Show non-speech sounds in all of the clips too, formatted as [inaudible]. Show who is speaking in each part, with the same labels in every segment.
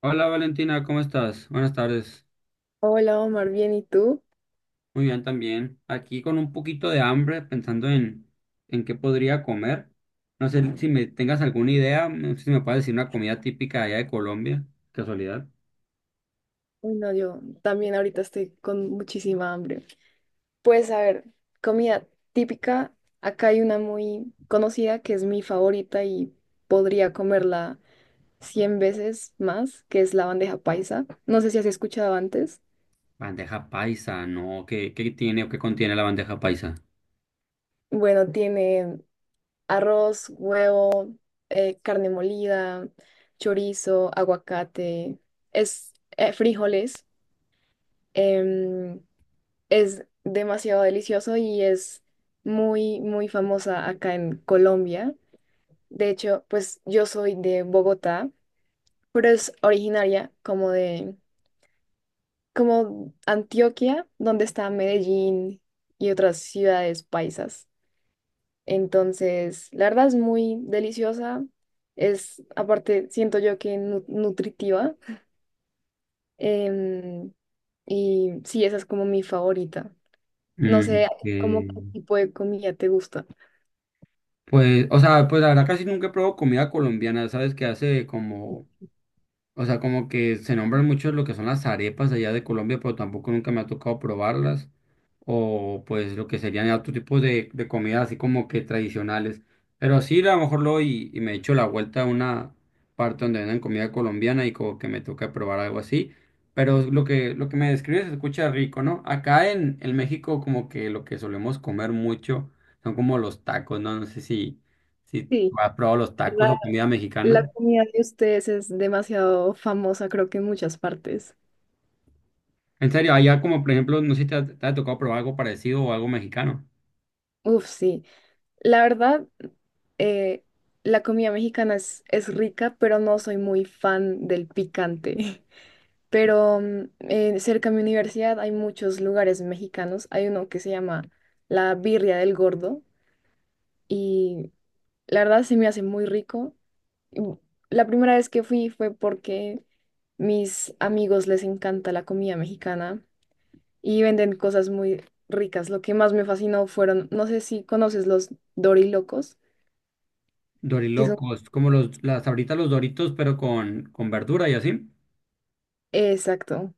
Speaker 1: Hola Valentina, ¿cómo estás? Buenas tardes.
Speaker 2: Hola Omar, bien, ¿y tú?
Speaker 1: Muy bien también. Aquí con un poquito de hambre, pensando en qué podría comer. No sé si me tengas alguna idea, no sé si me puedes decir una comida típica allá de Colombia, casualidad.
Speaker 2: Uy, no, yo también ahorita estoy con muchísima hambre. Pues a ver, comida típica, acá hay una muy conocida que es mi favorita y podría comerla 100 veces más, que es la bandeja paisa. No sé si has escuchado antes.
Speaker 1: Bandeja paisa, ¿no? ¿Qué tiene o qué contiene la bandeja paisa?
Speaker 2: Bueno, tiene arroz, huevo, carne molida, chorizo, aguacate, es frijoles. em, Es demasiado delicioso y es muy, muy famosa acá en Colombia. De hecho, pues yo soy de Bogotá, pero es originaria como Antioquia, donde está Medellín y otras ciudades paisas. Entonces, la verdad es muy deliciosa. Es, aparte, siento yo que nutritiva. Em, y sí, esa es como mi favorita. No
Speaker 1: Mm,
Speaker 2: sé, ¿cómo
Speaker 1: eh,
Speaker 2: qué tipo de comida te gusta?
Speaker 1: Pues, o sea, pues la verdad casi nunca he comida colombiana, ¿sabes? Que hace como, o sea, como que se nombran mucho lo que son las arepas allá de Colombia, pero tampoco nunca me ha tocado probarlas. O pues lo que serían otros tipos de comidas así como que tradicionales. Pero sí, a lo mejor lo y me echo la vuelta a una parte donde venden comida colombiana y como que me toca probar algo así. Pero lo que me describes se escucha rico, ¿no? Acá en México como que lo que solemos comer mucho son como los tacos, ¿no? No sé si
Speaker 2: Sí.
Speaker 1: has probado los tacos
Speaker 2: La,
Speaker 1: o comida
Speaker 2: la
Speaker 1: mexicana.
Speaker 2: comida de ustedes es demasiado famosa, creo que en muchas partes.
Speaker 1: En serio, allá como por ejemplo, no sé si te ha tocado probar algo parecido o algo mexicano.
Speaker 2: Uf, sí. La verdad, eh, la comida mexicana es rica, pero no soy muy fan del picante. [laughs] Pero cerca de mi universidad hay muchos lugares mexicanos. Hay uno que se llama La Birria del Gordo y la verdad se me hace muy rico. Y bu- La primera vez que fui fue porque mis amigos les encanta la comida mexicana y venden cosas muy ricas. Lo que más me fascinó fueron, no sé si conoces los dorilocos, que son...
Speaker 1: Dorilocos, como los, las ahorita los Doritos, pero con verdura y así.
Speaker 2: Exacto.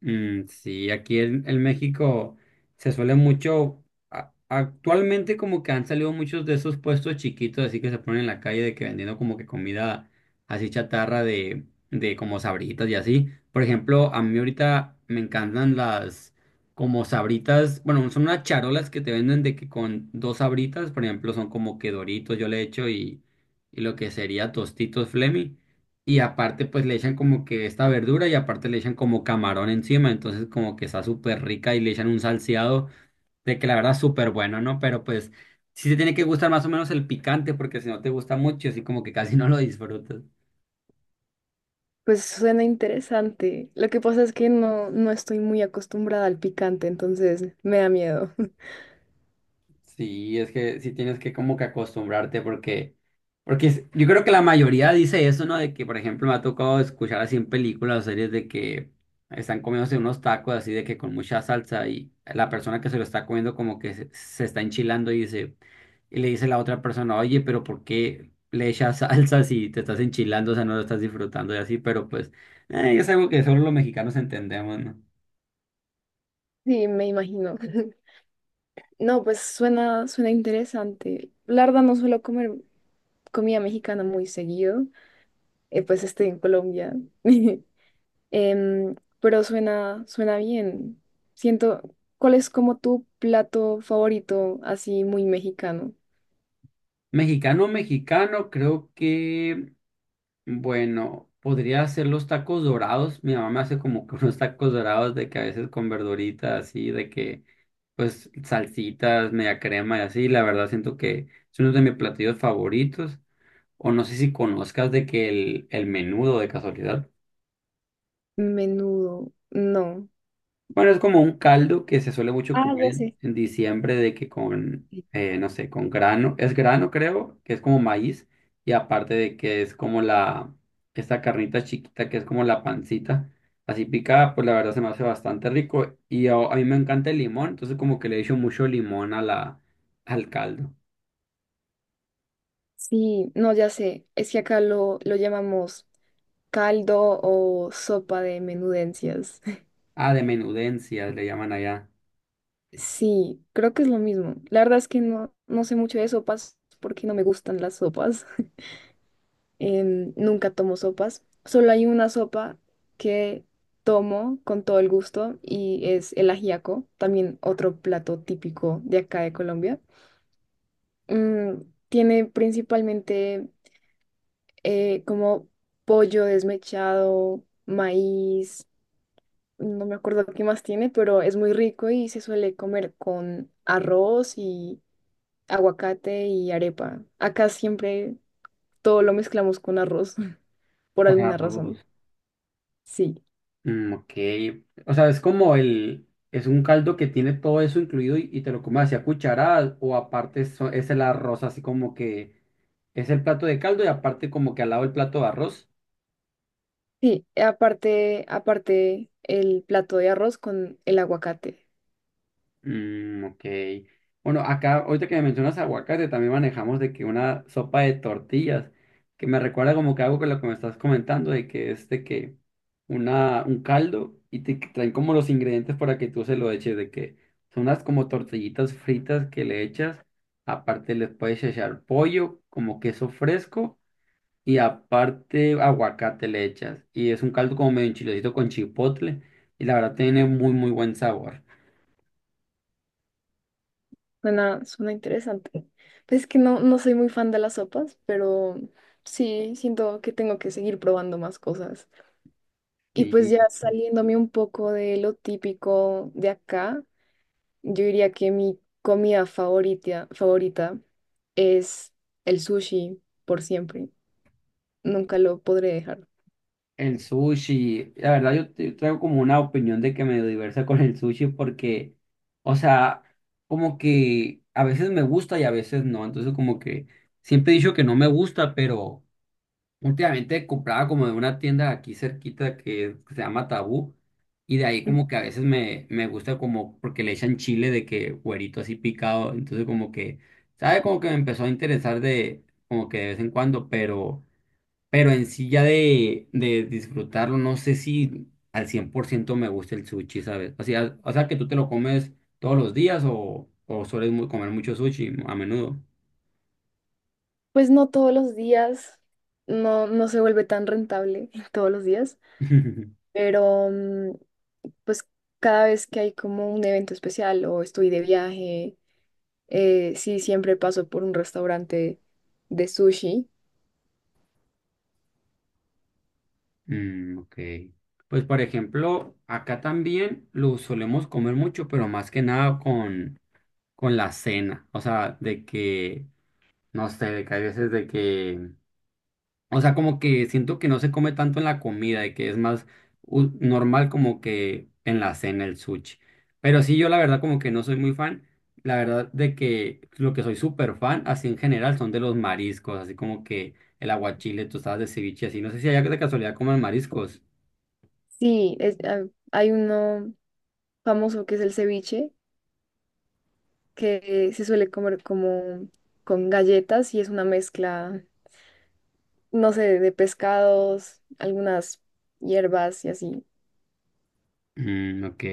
Speaker 1: Mm, sí, aquí en México se suele mucho, actualmente como que han salido muchos de esos puestos chiquitos, así que se ponen en la calle de que vendiendo como que comida así chatarra de como sabritas y así. Por ejemplo, a mí ahorita me encantan las como sabritas, bueno, son unas charolas que te venden de que con dos sabritas, por ejemplo, son como que Doritos yo le echo y lo que sería Tostitos Flemi. Y aparte, pues le echan como que esta verdura y aparte le echan como camarón encima, entonces como que está súper rica y le echan un salseado de que la verdad es súper bueno, ¿no? Pero pues sí te tiene que gustar más o menos el picante porque si no te gusta mucho, así como que casi no lo disfrutas.
Speaker 2: Pues suena interesante. Lo que pasa es que no, no estoy muy acostumbrada al picante, entonces me da miedo. [laughs]
Speaker 1: Sí, es que sí tienes que como que acostumbrarte porque, porque es- yo creo que la mayoría dice eso, ¿no? De que, por ejemplo, me ha tocado escuchar así en películas o series de que están comiéndose unos tacos así de que con mucha salsa y la persona que se lo está comiendo como que se está enchilando y dice, y le dice la otra persona, oye, pero ¿por qué le echas [laughs] salsa si te estás enchilando? O sea, no lo estás disfrutando y así, pero pues es algo que solo los mexicanos entendemos, ¿no?
Speaker 2: Sí, me imagino. [laughs] No, pues suena, suena interesante. La verdad no suelo comer comida mexicana muy seguido, pues estoy en Colombia. [laughs] Em, pero suena, suena bien. Siento, ¿cuál es como tu plato favorito así muy mexicano?
Speaker 1: Mexicano, mexicano, creo que... Bueno, podría hacer los tacos dorados. Mi mamá me hace como que [laughs] unos tacos dorados de que a veces con verduritas así, de que pues salsitas, media crema y así. La verdad siento que es uno de mis platillos favoritos. O no sé si conozcas de que el menudo de casualidad.
Speaker 2: Menudo, no.
Speaker 1: Bueno, es como un caldo que se suele mucho
Speaker 2: Ah,
Speaker 1: comer
Speaker 2: ya sé.
Speaker 1: en diciembre de que con, no sé, con grano, es grano creo, que es como maíz, y aparte de que es como la, esta carnita chiquita que es como la pancita, así picada, pues la verdad se me hace bastante rico, y a mí me encanta el limón, entonces como que le echo mucho limón a la, al caldo.
Speaker 2: Sí, no, ya sé. Es que acá lo llamamos caldo o sopa de menudencias. [laughs]
Speaker 1: Ah, de menudencias le llaman allá,
Speaker 2: Sí, creo que es lo mismo. La verdad es que no, no sé mucho de sopas porque no me gustan las sopas. Nunca tomo sopas. Solo hay una sopa que tomo con todo el gusto y es el ajiaco, también otro plato típico de acá de Colombia. Mm, tiene principalmente como pollo desmechado, maíz, no me acuerdo qué más tiene, pero es muy rico y se suele comer con arroz y aguacate y arepa. Acá siempre todo lo mezclamos con arroz [laughs] por
Speaker 1: con
Speaker 2: alguna
Speaker 1: arroz.
Speaker 2: razón. Sí.
Speaker 1: Mm, ok. O sea, es como el, es un caldo que tiene todo eso incluido y te lo comes así a cucharadas o aparte so- es el arroz, así como que es el plato de caldo y aparte como que al lado el plato de arroz.
Speaker 2: Sí, aparte, aparte el plato de arroz con el aguacate.
Speaker 1: Mm, ok. Bueno, acá, ahorita que me mencionas aguacate, también manejamos de que una sopa de tortillas, que me recuerda como que algo que lo que me estás comentando, de que es de que una, un caldo y te traen como los ingredientes para que tú se lo eches, de que son unas como tortillitas fritas que le echas, aparte les puedes echar pollo, como queso fresco, y aparte aguacate le echas. Y es un caldo como medio enchiladito con chipotle, y la verdad tiene muy, muy buen sabor.
Speaker 2: Suena, suena interesante. Pues es que no, no soy muy fan de las sopas, pero sí, siento que tengo que seguir probando más cosas. Y pues ya
Speaker 1: Sí.
Speaker 2: saliéndome un poco de lo típico de acá, yo diría que mi comida favorita, favorita es el sushi por siempre. Nunca lo podré dejar.
Speaker 1: El sushi, la verdad yo te- traigo como una opinión de que medio diversa con el sushi porque, o sea, como que a veces me gusta y a veces no, entonces como que siempre he dicho que no me gusta, pero últimamente compraba como de una tienda aquí cerquita que se llama Tabú y de ahí como que a veces me gusta como porque le echan chile de que güerito así picado, entonces como que, ¿sabe? Como que me empezó a interesar de como que de vez en cuando, pero... Pero en sí ya de disfrutarlo, no sé si al 100% me gusta el sushi, ¿sabes? O sea que tú te lo comes todos los días o sueles mu- comer mucho sushi a menudo.
Speaker 2: Pues no todos los días, no, no se vuelve tan rentable [laughs] todos los días,
Speaker 1: [laughs]
Speaker 2: pero pues cada vez que hay como un evento especial o estoy de viaje, sí, siempre paso por un restaurante de sushi.
Speaker 1: Mm, ok. Pues por ejemplo, acá también lo solemos comer mucho, pero más que nada con, con la cena. O sea, de que, no sé, de que a veces de que o sea, como que siento que no se come tanto en la comida y que es más u- normal como que en la cena el sushi. Pero sí, yo la verdad como que no soy muy fan. La verdad de que lo que soy súper fan, así en general, son de los mariscos, así como que el aguachile, tostadas de ceviche, así. No sé si allá de casualidad comen mariscos.
Speaker 2: Sí, es- ah, hay uno famoso que es el ceviche, que se suele comer como con galletas y es una mezcla, no sé, de pescados, algunas hierbas y así.
Speaker 1: Mm, ok.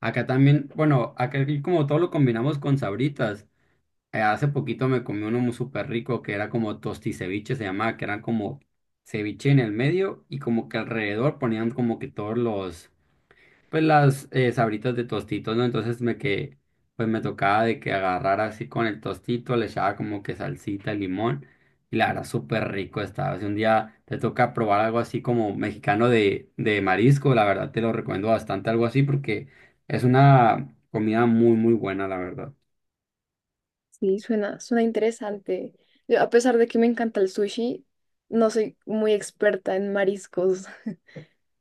Speaker 1: Acá también, bueno, acá aquí como todo lo combinamos con sabritas. Hace poquito me comí uno muy súper rico que era como tosticeviche, se llamaba, que eran como ceviche en el medio y como que alrededor ponían como que todos los, pues las sabritas de tostitos, ¿no? Entonces me que, pues me tocaba de que agarrara así con el tostito, le echaba como que salsita, limón y la verdad súper rico estaba. Si un día te toca probar algo así como mexicano de marisco, la verdad te lo recomiendo bastante, algo así porque es una comida muy, muy buena, la verdad.
Speaker 2: Sí, suena, suena interesante. Yo, a pesar de que me encanta el sushi, no soy muy experta en mariscos, [laughs]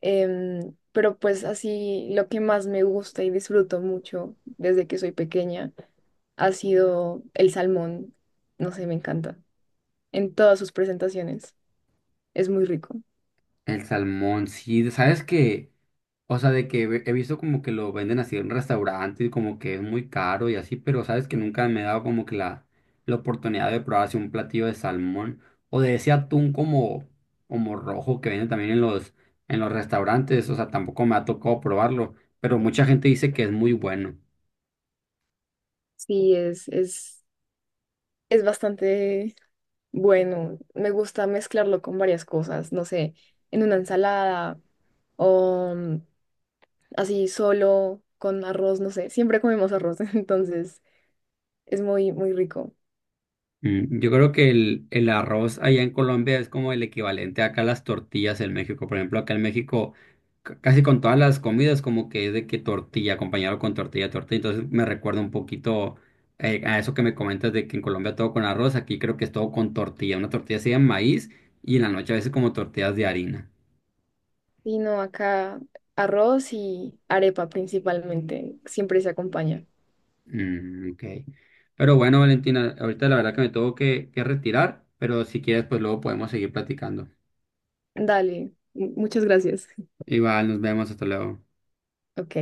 Speaker 2: pero pues así lo que más me gusta y disfruto mucho desde que soy pequeña ha sido el salmón. No sé, me encanta. En todas sus presentaciones. Es muy rico.
Speaker 1: El salmón, sí, sabes que, o sea, de que ve- he visto como que lo venden así en restaurantes y como que es muy caro y así, pero sabes que nunca me he dado como que la oportunidad de probar así un platillo de salmón o de ese atún como, como rojo que venden también en los restaurantes, o sea, tampoco me ha tocado probarlo, pero mucha gente dice que es muy bueno.
Speaker 2: Sí, es bastante bueno. Me gusta mezclarlo con varias cosas, no sé, en una ensalada o así solo, con arroz, no sé, siempre comemos arroz, [laughs] entonces es muy, muy rico.
Speaker 1: Mm, yo creo que el arroz allá en Colombia es como el equivalente acá a las tortillas en México. Por ejemplo, acá en México, c- casi con todas las comidas, como que es de que tortilla, acompañado con tortilla, tortilla. Entonces me recuerda un poquito a eso que me comentas de que en Colombia todo con arroz, aquí creo que es todo con tortilla. Una tortilla sea de maíz y en la noche a veces como tortillas de harina.
Speaker 2: Y no, acá arroz y arepa principalmente, siempre se acompaña.
Speaker 1: Mm, ok. Pero bueno, Valentina, ahorita la verdad que me tengo que retirar, pero si quieres, pues luego podemos seguir platicando.
Speaker 2: Dale, muchas gracias. [laughs]
Speaker 1: Igual, nos vemos, hasta luego.
Speaker 2: Ok.